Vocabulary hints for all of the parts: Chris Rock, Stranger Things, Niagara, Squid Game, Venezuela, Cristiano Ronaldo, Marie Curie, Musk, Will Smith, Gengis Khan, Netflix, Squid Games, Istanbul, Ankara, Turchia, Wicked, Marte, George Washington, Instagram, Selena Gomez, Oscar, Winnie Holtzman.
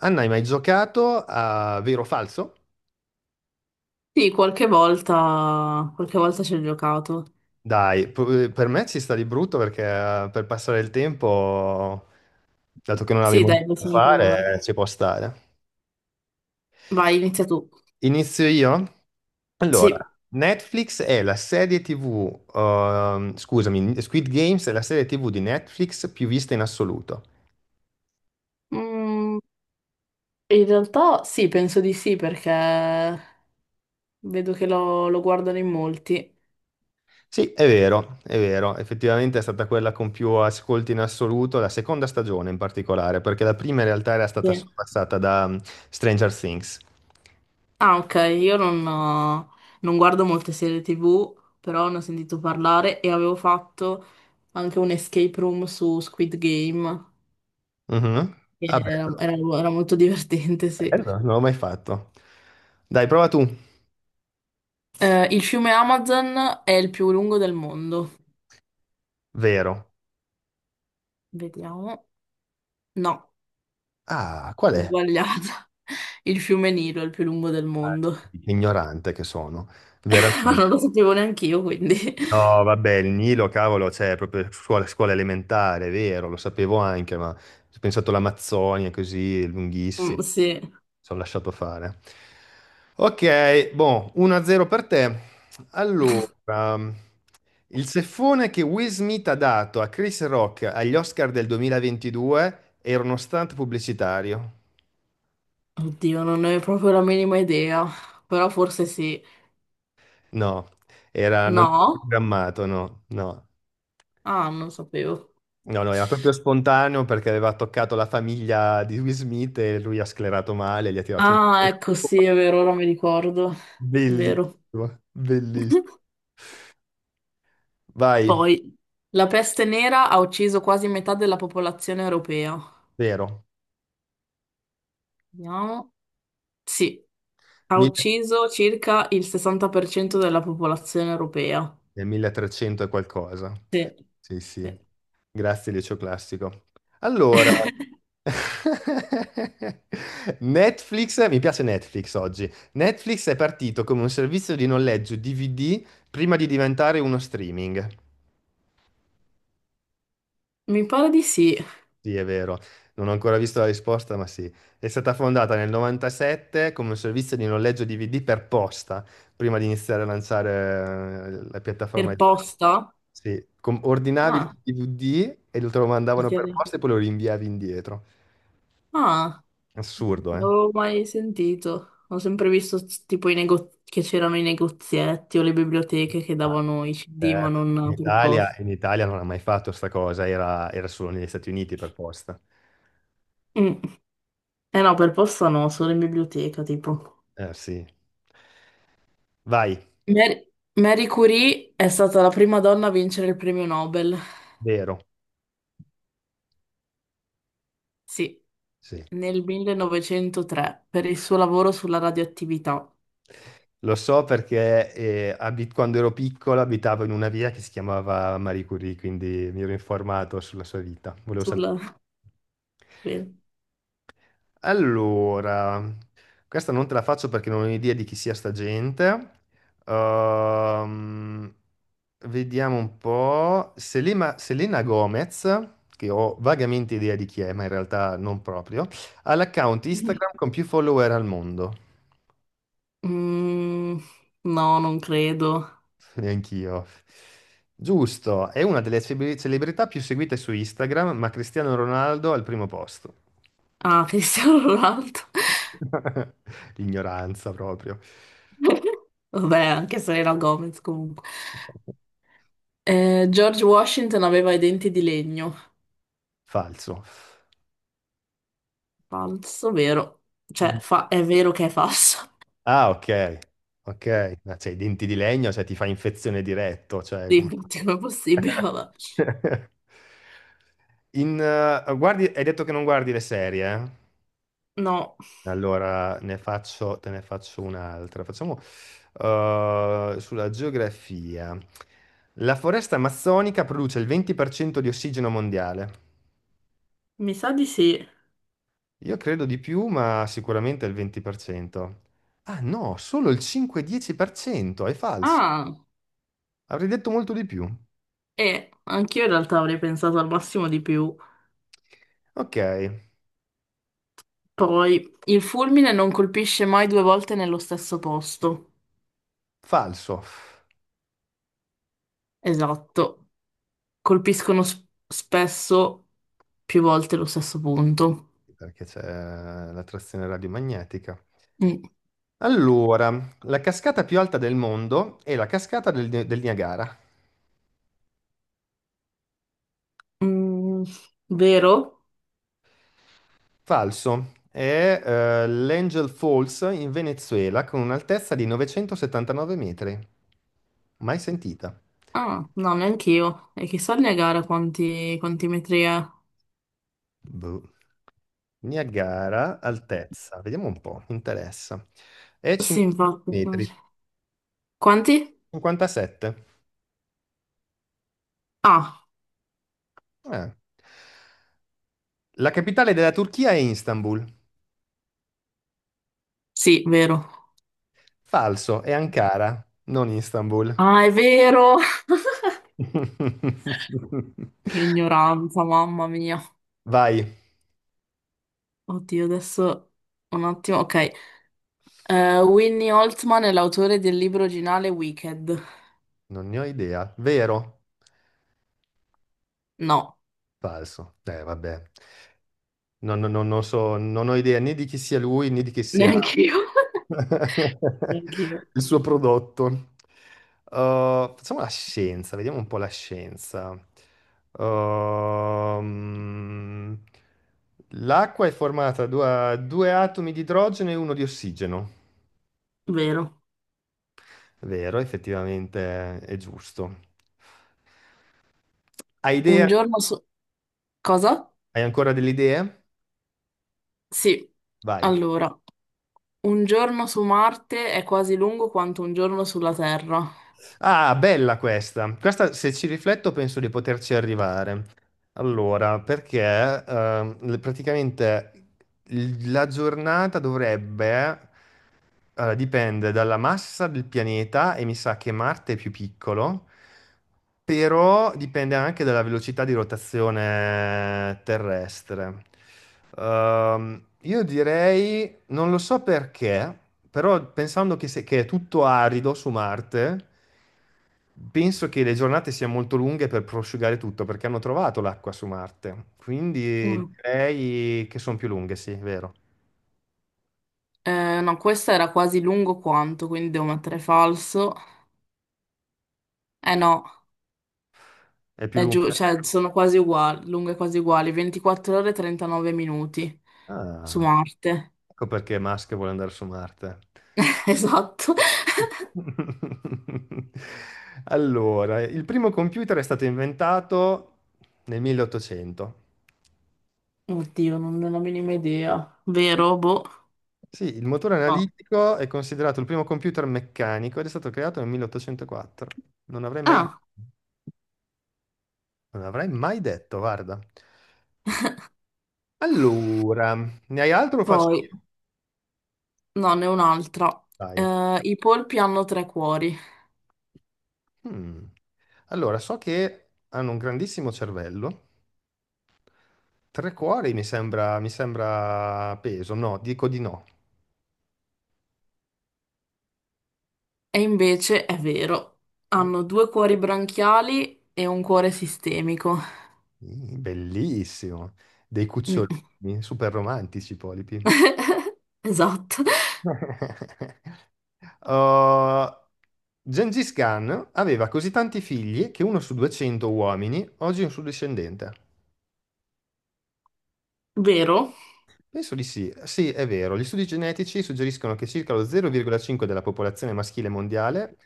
Anna, hai mai giocato a vero o falso? Sì, qualche volta ci ho giocato. Dai, per me ci sta di brutto perché per passare il tempo, dato che non Sì, avevo dai, niente da possiamo provare. fare, ci può stare. Vai, inizia tu. Inizio io? Allora, Sì. Netflix è la serie TV, scusami, Squid Games è la serie TV di Netflix più vista in assoluto. Mm, in realtà sì, penso di sì, perché vedo che lo guardano in molti. Sì, è vero, effettivamente è stata quella con più ascolti in assoluto, la seconda stagione in particolare, perché la prima in realtà era stata Sì. sorpassata da Stranger Things. Ah, ok, io non guardo molte serie TV, però ne ho sentito parlare e avevo fatto anche un escape room su Squid Game. Mhm. che Ah, Era, beh, era- Era molto divertente, sì. bello, non l'ho mai fatto. Dai, prova tu. Il fiume Amazon è il più lungo del mondo. Vero. Vediamo. No, Ah, qual ho è? sbagliato. Il fiume Nilo è il più lungo del mondo. Ignorante che sono. Vero. Ma non lo sapevo neanche io, quindi... No, vabbè, il Nilo, cavolo, c'è proprio scuola, scuola elementare, è vero, lo sapevo anche, ma ho pensato all'Amazzonia così, è lunghissimo, Mm, sì. ci ho lasciato fare. Ok, boh, 1-0 per te. Allora, il ceffone che Will Smith ha dato a Chris Rock agli Oscar del 2022 era uno stunt pubblicitario? Oddio, non ne ho proprio la minima idea. Però forse sì. No, era, non era No? programmato, no, no. Ah, non sapevo. No, no, era proprio spontaneo perché aveva toccato la famiglia di Will Smith e lui ha sclerato male, gli ha tirato un... Ah, ecco, sì, è vero, ora mi ricordo. Vero. Bellissimo, bellissimo. Vai, Poi, la peste nera ha ucciso quasi metà della popolazione europea. vero. Vediamo. Sì, ha Mille- ucciso circa il 60% della popolazione europea. è 1300 e qualcosa. Sì, Sì, sì. sì. Grazie, Liceo Classico. Allora, Netflix, mi piace Netflix oggi. Netflix è partito come un servizio di noleggio DVD prima di diventare uno streaming. Mi pare di sì. Sì, è vero, non ho ancora visto la risposta, ma sì. È stata fondata nel 97 come un servizio di noleggio DVD per posta, prima di iniziare a lanciare la Per piattaforma. Posta? Sì, ordinavi il Ah, DVD e lo te lo mi mandavano per chiedi. posta e poi lo rinviavi indietro. Ah, Assurdo, non eh? avevo mai sentito. Ho sempre visto tipo che c'erano i negozietti o le biblioteche che Ah, davano i CD, ma certo. Non per posta. In Italia non ha mai fatto sta cosa, era, era solo negli Stati Uniti per posta. Mm. Eh no, per posta no, solo in biblioteca, tipo. Eh sì. Vai, Mary, Marie Curie è stata la prima donna a vincere il premio Nobel. vero. Sì, Sì. nel 1903 per il suo lavoro sulla radioattività. Lo so perché quando ero piccolo abitavo in una via che si chiamava Marie Curie, quindi mi ero informato sulla sua vita. Volevo sapere. Sulla... Bene. Allora, questa non te la faccio perché non ho idea di chi sia sta gente. Ehm, vediamo un po'. Selena, Selena Gomez, che ho vagamente idea di chi è, ma in realtà non proprio, ha l'account Instagram con più follower al mondo. Mm, no, non credo. Neanch'io. Giusto, è una delle celebrità più seguite su Instagram, ma Cristiano Ronaldo al primo posto. Ah, Cristiano Ronaldo. Ignoranza proprio. Vabbè, anche Selena Gomez comunque. George Washington aveva i denti di legno. Falso. Falso, vero? Mm. Cioè, è vero che è falso. Ah, ok. Ok, ma cioè, i denti di legno, cioè ti fa infezione diretto, cioè come... Dimmi, come è possibile? Vabbè. Guardi, hai detto che non guardi le serie, eh? No, Allora, ne faccio, te ne faccio un'altra. Facciamo sulla geografia. La foresta amazzonica produce il 20% di ossigeno mondiale. mi sa di sì. Io credo di più, ma sicuramente il 20%. Ah no, solo il 5-10%, è falso. Ah, Avrei detto molto di più. e anch'io in realtà avrei pensato al massimo di più. Ok, Poi, il fulmine non colpisce mai due volte nello stesso posto. falso, Esatto. Colpiscono spesso più volte lo stesso punto. perché c'è la trazione radiomagnetica. Mm. Allora, la cascata più alta del mondo è la cascata del Niagara. Mm, vero? Falso. È l'Angel Falls in Venezuela con un'altezza di 979 metri. Mai sentita. Ah, no, neanche io. E chissà il Niagara quanti, quanti metri è. Boh. Niagara, altezza. Vediamo un po', mi interessa. È Sì, 50 infatti. metri. Quanti? 57. Ah, Eh. La capitale della Turchia è Istanbul. sì, vero. Falso, è Ankara, non Istanbul. Ah, è vero! Ignoranza, mamma mia. Vai, Oddio, adesso un attimo. Ok. Winnie Holtzman è l'autore del libro originale Wicked. non ne ho idea. Vero? No, Falso. Vabbè. Non so, non ho idea né di chi sia lui né di chi sia neanche io. Neanche io. il suo prodotto. Facciamo la scienza, vediamo un po' la scienza. Ehm, l'acqua è formata da due atomi di idrogeno e uno di ossigeno. Vero. Vero, effettivamente è giusto. Hai idea? Un giorno, so- Cosa? Hai ancora delle idee? Sì. Vai. Allora, un giorno su Marte è quasi lungo quanto un giorno sulla Terra. Ah, bella questa. Questa, se ci rifletto, penso di poterci arrivare. Allora, perché praticamente la giornata dovrebbe, allora, dipende dalla massa del pianeta e mi sa che Marte è più piccolo, però dipende anche dalla velocità di rotazione terrestre. Io direi, non lo so perché, però pensando che, che è tutto arido su Marte. Penso che le giornate siano molto lunghe per prosciugare tutto, perché hanno trovato l'acqua su Marte. Quindi Mm. direi che sono più lunghe, sì, è vero. No, questa era quasi lungo quanto, quindi devo mettere falso. Eh no, È più è giù, lunga? cioè sono quasi uguali, lunghe quasi uguali, 24 ore e 39 minuti su Ah, Marte. ecco perché Musk vuole andare su Marte. Esatto. Allora, il primo computer è stato inventato nel 1800. Oddio, non ho la minima idea. Vero? Boh. Sì, il motore No. analitico è considerato il primo computer meccanico ed è stato creato nel 1804. Non avrei mai, Ah, non avrei mai detto, guarda. Allora, ne hai altro o faccio poi, io? no, ne ho un'altra. Dai. I polpi hanno tre cuori. Mm. Allora, so che hanno un grandissimo cervello. Tre cuori mi sembra peso. No, dico di no. E invece è vero, hanno due cuori branchiali e un cuore sistemico. Mm, bellissimo. Dei Mm, cucciolini, super romantici, i polipi. esatto. Uh, Gengis Khan aveva così tanti figli che uno su 200 uomini oggi è un suo discendente. Vero? Penso di sì. Sì, è vero. Gli studi genetici suggeriscono che circa lo 0,5 della popolazione maschile mondiale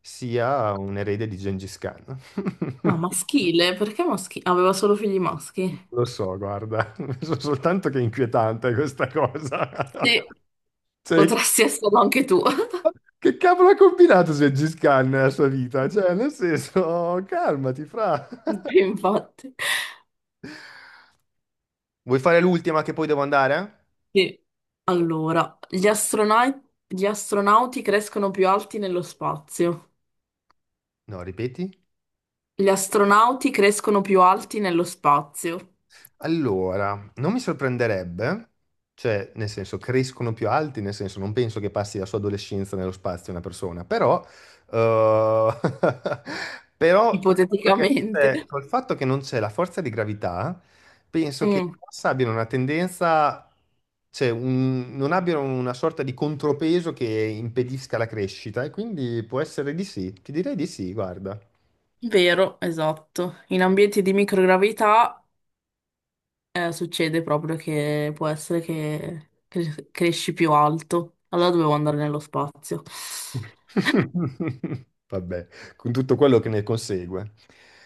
sia un erede di Gengis Khan. Ah, maschile, perché maschile? Aveva solo figli maschi. Lo so, guarda, so soltanto che è inquietante questa cosa. Sì, Cioè, potresti esserlo anche tu. che cavolo ha combinato Gengis Khan nella sua vita? Cioè, nel senso, calmati, fra. Sì, infatti. Vuoi fare l'ultima che poi devo andare? Sì. Allora, gli astronauti crescono più alti nello spazio. No, ripeti. Gli astronauti crescono più alti nello spazio, Allora, non mi sorprenderebbe, cioè, nel senso, crescono più alti, nel senso, non penso che passi la sua adolescenza nello spazio una persona, però, eh, però ipoteticamente. Col fatto che non c'è la forza di gravità, penso che i Mm. gas abbiano una tendenza, cioè, non abbiano una sorta di contropeso che impedisca la crescita, e quindi può essere di sì, ti direi di sì, guarda. Vero, esatto. In ambienti di microgravità succede proprio che può essere che cresci più alto. Allora dovevo andare nello spazio. Vabbè, con tutto quello che ne consegue.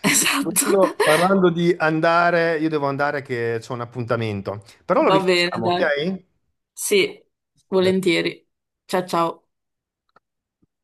Esatto. Parlando di andare, io devo andare che c'è un appuntamento, però lo Va bene, rifacciamo, dai. ok? Sì, Beh. volentieri. Ciao ciao.